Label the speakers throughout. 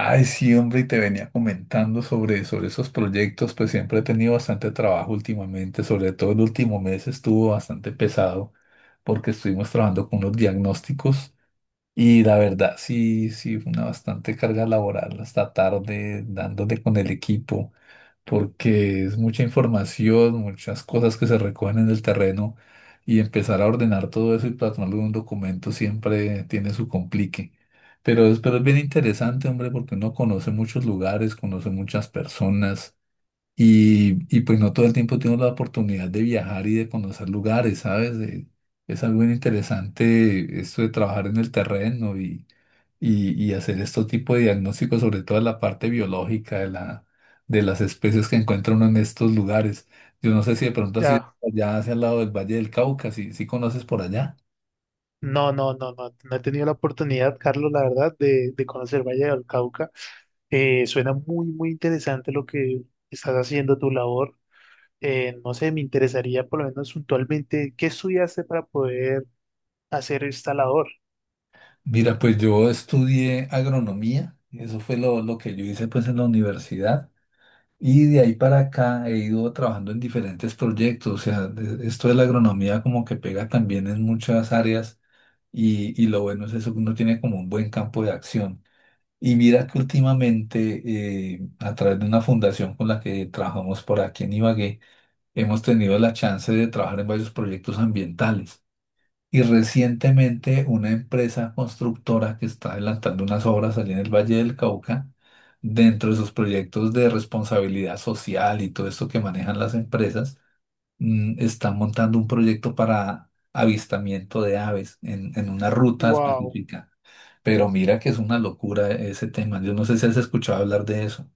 Speaker 1: Ay, sí, hombre, y te venía comentando sobre esos proyectos, pues siempre he tenido bastante trabajo últimamente, sobre todo el último mes estuvo bastante pesado porque estuvimos trabajando con unos diagnósticos y la verdad, sí, sí, fue una bastante carga laboral hasta tarde, dándole con el equipo, porque es mucha información, muchas cosas que se recogen en el terreno y empezar a ordenar todo eso y plasmarlo en un documento siempre tiene su complique. Pero es bien interesante, hombre, porque uno conoce muchos lugares, conoce muchas personas y pues no todo el tiempo tengo la oportunidad de viajar y de conocer lugares, ¿sabes? Es algo bien interesante esto de trabajar en el terreno y hacer este tipo de diagnósticos, sobre todo de la parte biológica de de las especies que encuentra uno en estos lugares. Yo no sé si de pronto has ido
Speaker 2: Ya,
Speaker 1: allá hacia el lado del Valle del Cauca, si, si conoces por allá.
Speaker 2: no, no, no, no, no he tenido la oportunidad, Carlos, la verdad, de conocer Valle del Cauca. Suena muy, muy interesante lo que estás haciendo, tu labor. No sé, me interesaría por lo menos puntualmente qué estudiaste para poder hacer esta labor.
Speaker 1: Mira, pues yo estudié agronomía, eso fue lo que yo hice pues en la universidad. Y de ahí para acá he ido trabajando en diferentes proyectos, o sea, esto de la agronomía como que pega también en muchas áreas y lo bueno es eso que uno tiene como un buen campo de acción. Y mira que últimamente a través de una fundación con la que trabajamos por aquí en Ibagué, hemos tenido la chance de trabajar en varios proyectos ambientales. Y recientemente una empresa constructora que está adelantando unas obras allí en el Valle del Cauca, dentro de sus proyectos de responsabilidad social y todo esto que manejan las empresas, está montando un proyecto para avistamiento de aves en una ruta
Speaker 2: Wow.
Speaker 1: específica. Pero mira que es una locura ese tema. Yo no sé si has escuchado hablar de eso.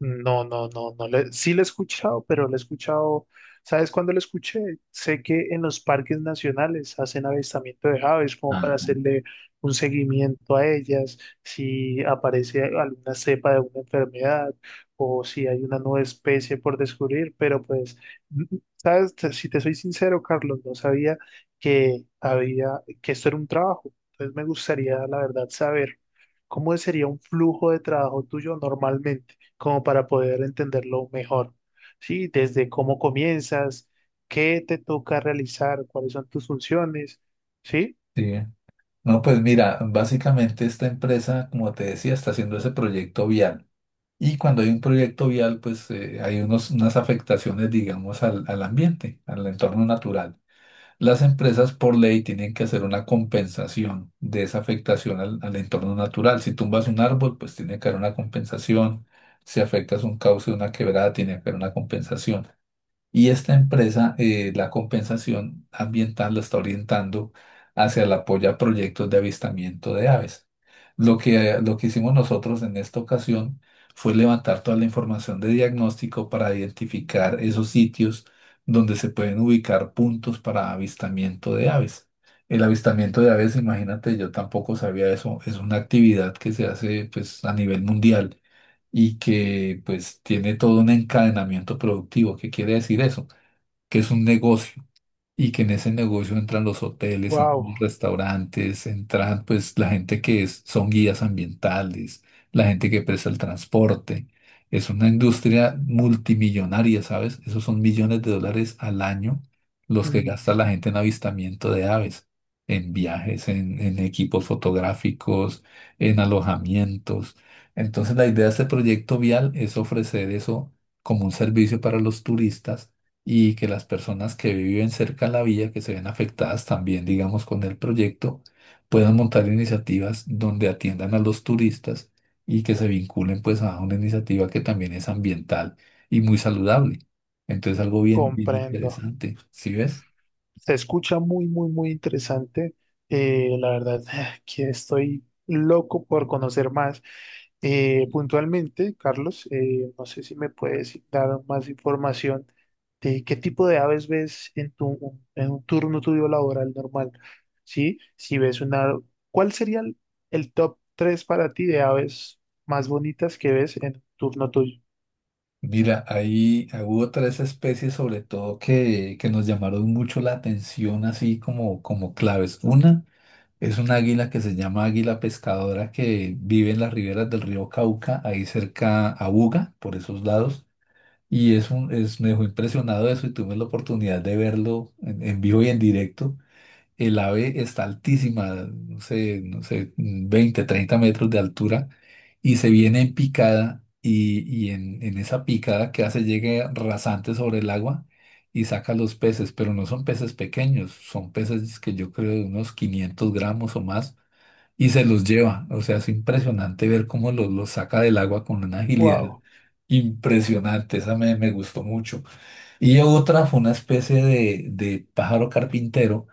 Speaker 2: No, no, no, no. Sí la he escuchado, pero la he escuchado. ¿Sabes cuándo la escuché? Sé que en los parques nacionales hacen avistamiento de aves como para
Speaker 1: Ajá.
Speaker 2: hacerle un seguimiento a ellas, si aparece alguna cepa de una enfermedad o si hay una nueva especie por descubrir, pero pues, n- ¿sabes? Si te soy sincero, Carlos, no sabía que había, que esto era un trabajo. Entonces me gustaría, la verdad, saber cómo sería un flujo de trabajo tuyo normalmente como para poder entenderlo mejor. Sí, desde cómo comienzas, qué te toca realizar, cuáles son tus funciones. Sí,
Speaker 1: Sí. No, pues mira, básicamente esta empresa, como te decía, está haciendo ese proyecto vial. Y cuando hay un proyecto vial, pues hay unas afectaciones, digamos, al, al ambiente, al entorno natural. Las empresas por ley tienen que hacer una compensación de esa afectación al, al entorno natural. Si tumbas un árbol, pues tiene que haber una compensación. Si afectas un cauce, una quebrada, tiene que haber una compensación. Y esta empresa, la compensación ambiental la está orientando hacia el apoyo a proyectos de avistamiento de aves. Lo que hicimos nosotros en esta ocasión fue levantar toda la información de diagnóstico para identificar esos sitios donde se pueden ubicar puntos para avistamiento de aves. El avistamiento de aves, imagínate, yo tampoco sabía eso, es una actividad que se hace pues a nivel mundial y que pues tiene todo un encadenamiento productivo. ¿Qué quiere decir eso? Que es un negocio y que en ese negocio entran los hoteles, entran los
Speaker 2: wow,
Speaker 1: restaurantes, entran pues la gente que son guías ambientales, la gente que presta el transporte. Es una industria multimillonaria, ¿sabes? Esos son millones de dólares al año los que gasta la gente en avistamiento de aves, en viajes, en equipos fotográficos, en alojamientos. Entonces la idea de este proyecto vial es ofrecer eso como un servicio para los turistas y que las personas que viven cerca de la vía, que se ven afectadas también, digamos, con el proyecto, puedan montar iniciativas donde atiendan a los turistas y que se vinculen pues a una iniciativa que también es ambiental y muy saludable. Entonces algo bien, bien
Speaker 2: comprendo.
Speaker 1: interesante, ¿sí ves?
Speaker 2: Se escucha muy, muy, muy interesante. La verdad que estoy loco por conocer más. Puntualmente, Carlos, no sé si me puedes dar más información de qué tipo de aves ves en tu, en un turno tuyo laboral normal, ¿sí? Si ves una, ¿cuál sería el top 3 para ti de aves más bonitas que ves en un turno tuyo?
Speaker 1: Mira, ahí ah, hubo tres especies sobre todo que nos llamaron mucho la atención así como, como claves. Una es un águila que se llama águila pescadora que vive en las riberas del río Cauca, ahí cerca a Buga, por esos lados. Y es un, es, me dejó impresionado eso y tuve la oportunidad de verlo en vivo y en directo. El ave está altísima, no sé, no sé, 20 o 30 metros de altura y se viene en picada y en esa picada que hace llega rasante sobre el agua y saca los peces, pero no son peces pequeños, son peces que yo creo de unos 500 gramos o más y se los lleva. O sea, es impresionante ver cómo los saca del agua con una agilidad
Speaker 2: Wow,
Speaker 1: impresionante. Esa me, me gustó mucho. Y otra fue una especie de pájaro carpintero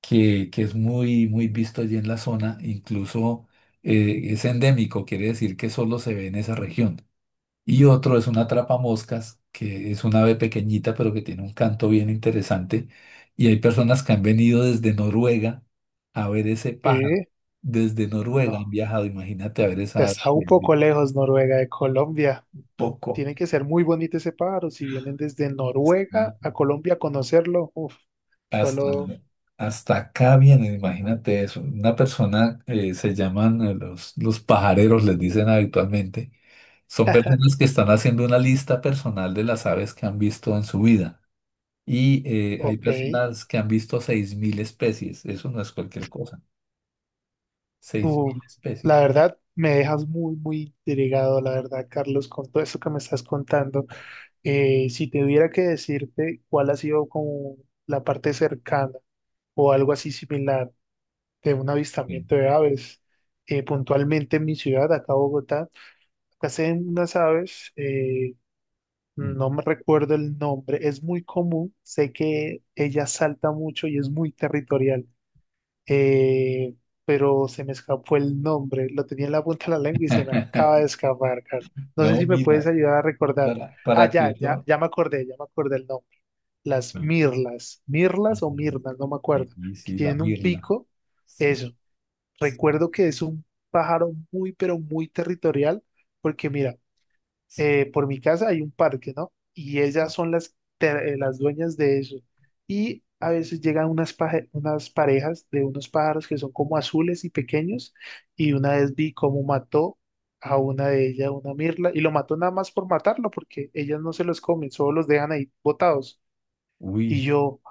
Speaker 1: que es muy, muy visto allí en la zona. Incluso es endémico, quiere decir que solo se ve en esa región. Y otro es una moscas que es una ave pequeñita, pero que tiene un canto bien interesante. Y hay personas que han venido desde Noruega a ver ese pájaro.
Speaker 2: eh,
Speaker 1: Desde Noruega han
Speaker 2: no,
Speaker 1: viajado, imagínate a ver esa ave
Speaker 2: está un
Speaker 1: desde
Speaker 2: poco lejos Noruega de Colombia.
Speaker 1: poco.
Speaker 2: Tiene que ser muy bonito ese pájaro. Si vienen desde
Speaker 1: Sí.
Speaker 2: Noruega a Colombia a conocerlo, uf,
Speaker 1: Hasta,
Speaker 2: solo,
Speaker 1: hasta acá vienen, imagínate eso. Una persona, se llaman los pajareros, les dicen habitualmente. Son personas que están haciendo una lista personal de las aves que han visto en su vida. Y hay
Speaker 2: ok.
Speaker 1: personas que han visto 6000 especies. Eso no es cualquier cosa. seis
Speaker 2: Uf,
Speaker 1: mil
Speaker 2: la
Speaker 1: especies.
Speaker 2: verdad, me dejas muy, muy intrigado, la verdad, Carlos, con todo esto que me estás contando. Si tuviera que decirte cuál ha sido como la parte cercana o algo así similar de un
Speaker 1: Sí.
Speaker 2: avistamiento de aves, puntualmente en mi ciudad, acá Bogotá, acá se ven unas aves.
Speaker 1: Mm.
Speaker 2: No me recuerdo el nombre, es muy común, sé que ella salta mucho y es muy territorial, eh, pero se me escapó el nombre, lo tenía en la punta de la lengua y se me acaba de escapar, Carlos. No sé
Speaker 1: No,
Speaker 2: si me puedes
Speaker 1: mira,
Speaker 2: ayudar a recordar. Ah,
Speaker 1: para que
Speaker 2: ya, ya,
Speaker 1: eso...
Speaker 2: ya me acordé el nombre. Las
Speaker 1: Ah,
Speaker 2: mirlas, mirlas o mirnas, no me acuerdo,
Speaker 1: sí,
Speaker 2: que
Speaker 1: sí, la
Speaker 2: tienen un
Speaker 1: mirla.
Speaker 2: pico,
Speaker 1: Sí,
Speaker 2: eso.
Speaker 1: sí,
Speaker 2: Recuerdo que es un pájaro muy, pero muy territorial, porque mira,
Speaker 1: sí,
Speaker 2: por mi casa hay un parque, ¿no? Y ellas
Speaker 1: sí.
Speaker 2: son las, las dueñas de eso. Y a veces llegan unas, unas parejas de unos pájaros que son como azules y pequeños. Y una vez vi cómo mató a una de ellas, una mirla, y lo mató nada más por matarlo, porque ellas no se los comen, solo los dejan ahí botados.
Speaker 1: Uy.
Speaker 2: Y yo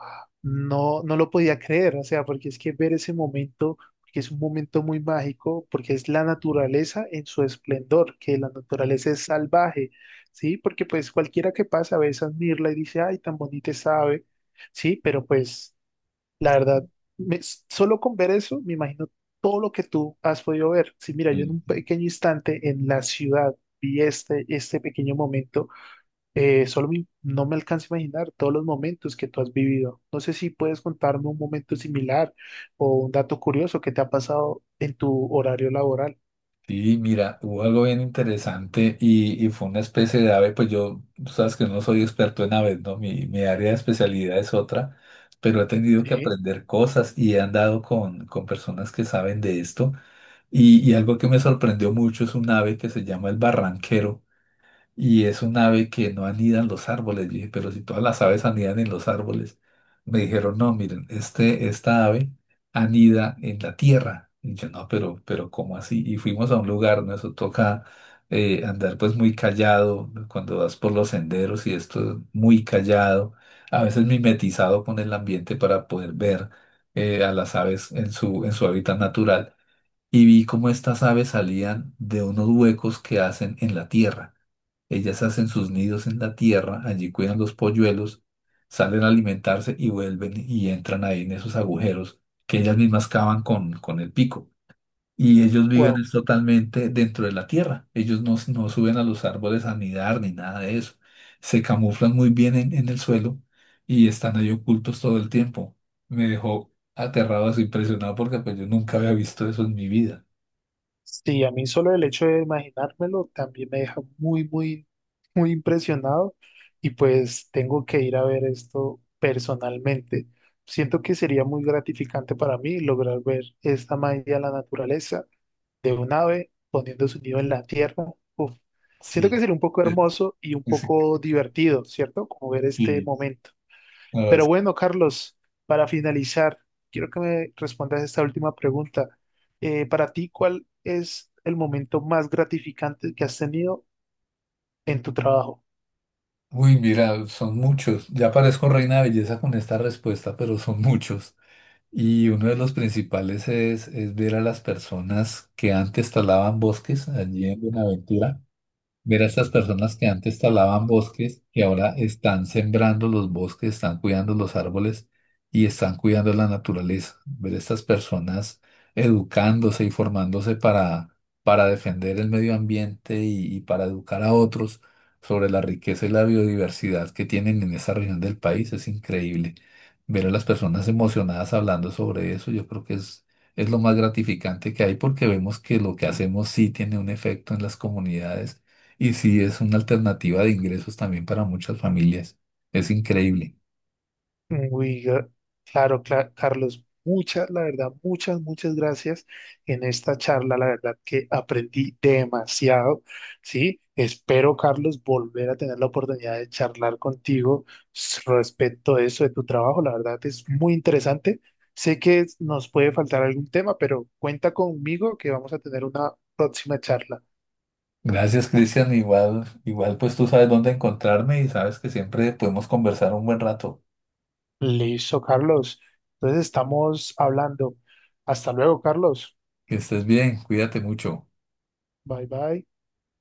Speaker 2: no lo podía creer, o sea, porque es que ver ese momento, que es un momento muy mágico, porque es la naturaleza en su esplendor, que la naturaleza es salvaje, ¿sí? Porque pues cualquiera que pasa a veces admirla y dice, ay, tan bonita sabe, ¿sí? Pero pues la verdad, solo con ver eso, me imagino todo lo que tú has podido ver. Sí, mira, yo en un
Speaker 1: el-
Speaker 2: pequeño instante en la ciudad vi este pequeño momento. Solo no me alcanza a imaginar todos los momentos que tú has vivido. No sé si puedes contarme un momento similar o un dato curioso que te ha pasado en tu horario laboral.
Speaker 1: Sí, mira, hubo algo bien interesante y fue una especie de ave, pues yo, tú sabes que no soy experto en aves, ¿no? Mi área de especialidad es otra, pero he tenido que
Speaker 2: Sí,
Speaker 1: aprender cosas y he andado con personas que saben de esto y algo que me sorprendió mucho es un ave que se llama el barranquero. Y es un ave que no anida en los árboles. Yo dije, pero si todas las aves anidan en los árboles. Me dijeron, no, miren, este, esta ave anida en la tierra. Y yo, no, pero ¿cómo así? Y fuimos a un lugar, ¿no? Eso toca andar pues muy callado, ¿no? Cuando vas por los senderos y esto muy callado. A veces mimetizado con el ambiente para poder ver a las aves en su hábitat natural. Y vi cómo estas aves salían de unos huecos que hacen en la tierra. Ellas hacen sus nidos en la tierra, allí cuidan los polluelos, salen a alimentarse y vuelven y entran ahí en esos agujeros que ellas mismas cavan con el pico. Y ellos viven
Speaker 2: wow.
Speaker 1: es totalmente dentro de la tierra. Ellos no, no suben a los árboles a nidar ni nada de eso. Se camuflan muy bien en el suelo y están ahí ocultos todo el tiempo. Me dejó aterrado, así impresionado porque pues yo nunca había visto eso en mi vida.
Speaker 2: Sí, a mí solo el hecho de imaginármelo también me deja muy, muy, muy impresionado y pues tengo que ir a ver esto personalmente. Siento que sería muy gratificante para mí lograr ver esta magia de la naturaleza de un ave poniendo su nido en la tierra. Uf, siento
Speaker 1: Sí.
Speaker 2: que sería un poco
Speaker 1: Sí,
Speaker 2: hermoso y un poco divertido, ¿cierto? Como ver este
Speaker 1: sí,
Speaker 2: momento. Pero
Speaker 1: sí.
Speaker 2: bueno, Carlos, para finalizar, quiero que me respondas esta última pregunta. Para ti, ¿cuál es el momento más gratificante que has tenido en tu trabajo?
Speaker 1: Uy, mira, son muchos. Ya parezco reina de belleza con esta respuesta, pero son muchos. Y uno de los principales es ver a las personas que antes talaban bosques allí en Buenaventura. Ver a estas personas que antes talaban bosques y ahora están sembrando los bosques, están cuidando los árboles y están cuidando la naturaleza. Ver a estas personas educándose y formándose para defender el medio ambiente y para educar a otros sobre la riqueza y la biodiversidad que tienen en esa región del país es increíble. Ver a las personas emocionadas hablando sobre eso, yo creo que es lo más gratificante que hay porque vemos que lo que hacemos sí tiene un efecto en las comunidades y sí, es una alternativa de ingresos también para muchas familias. Es increíble.
Speaker 2: Uy, claro, Carlos, muchas, la verdad, muchas, muchas gracias en esta charla. La verdad que aprendí demasiado, ¿sí? Espero, Carlos, volver a tener la oportunidad de charlar contigo respecto de eso, de tu trabajo. La verdad es muy interesante. Sé que nos puede faltar algún tema, pero cuenta conmigo que vamos a tener una próxima charla.
Speaker 1: Gracias, Cristian. Igual, igual, pues tú sabes dónde encontrarme y sabes que siempre podemos conversar un buen rato.
Speaker 2: Listo, Carlos. Entonces estamos hablando. Hasta luego, Carlos.
Speaker 1: Que estés bien, cuídate mucho.
Speaker 2: Bye, bye.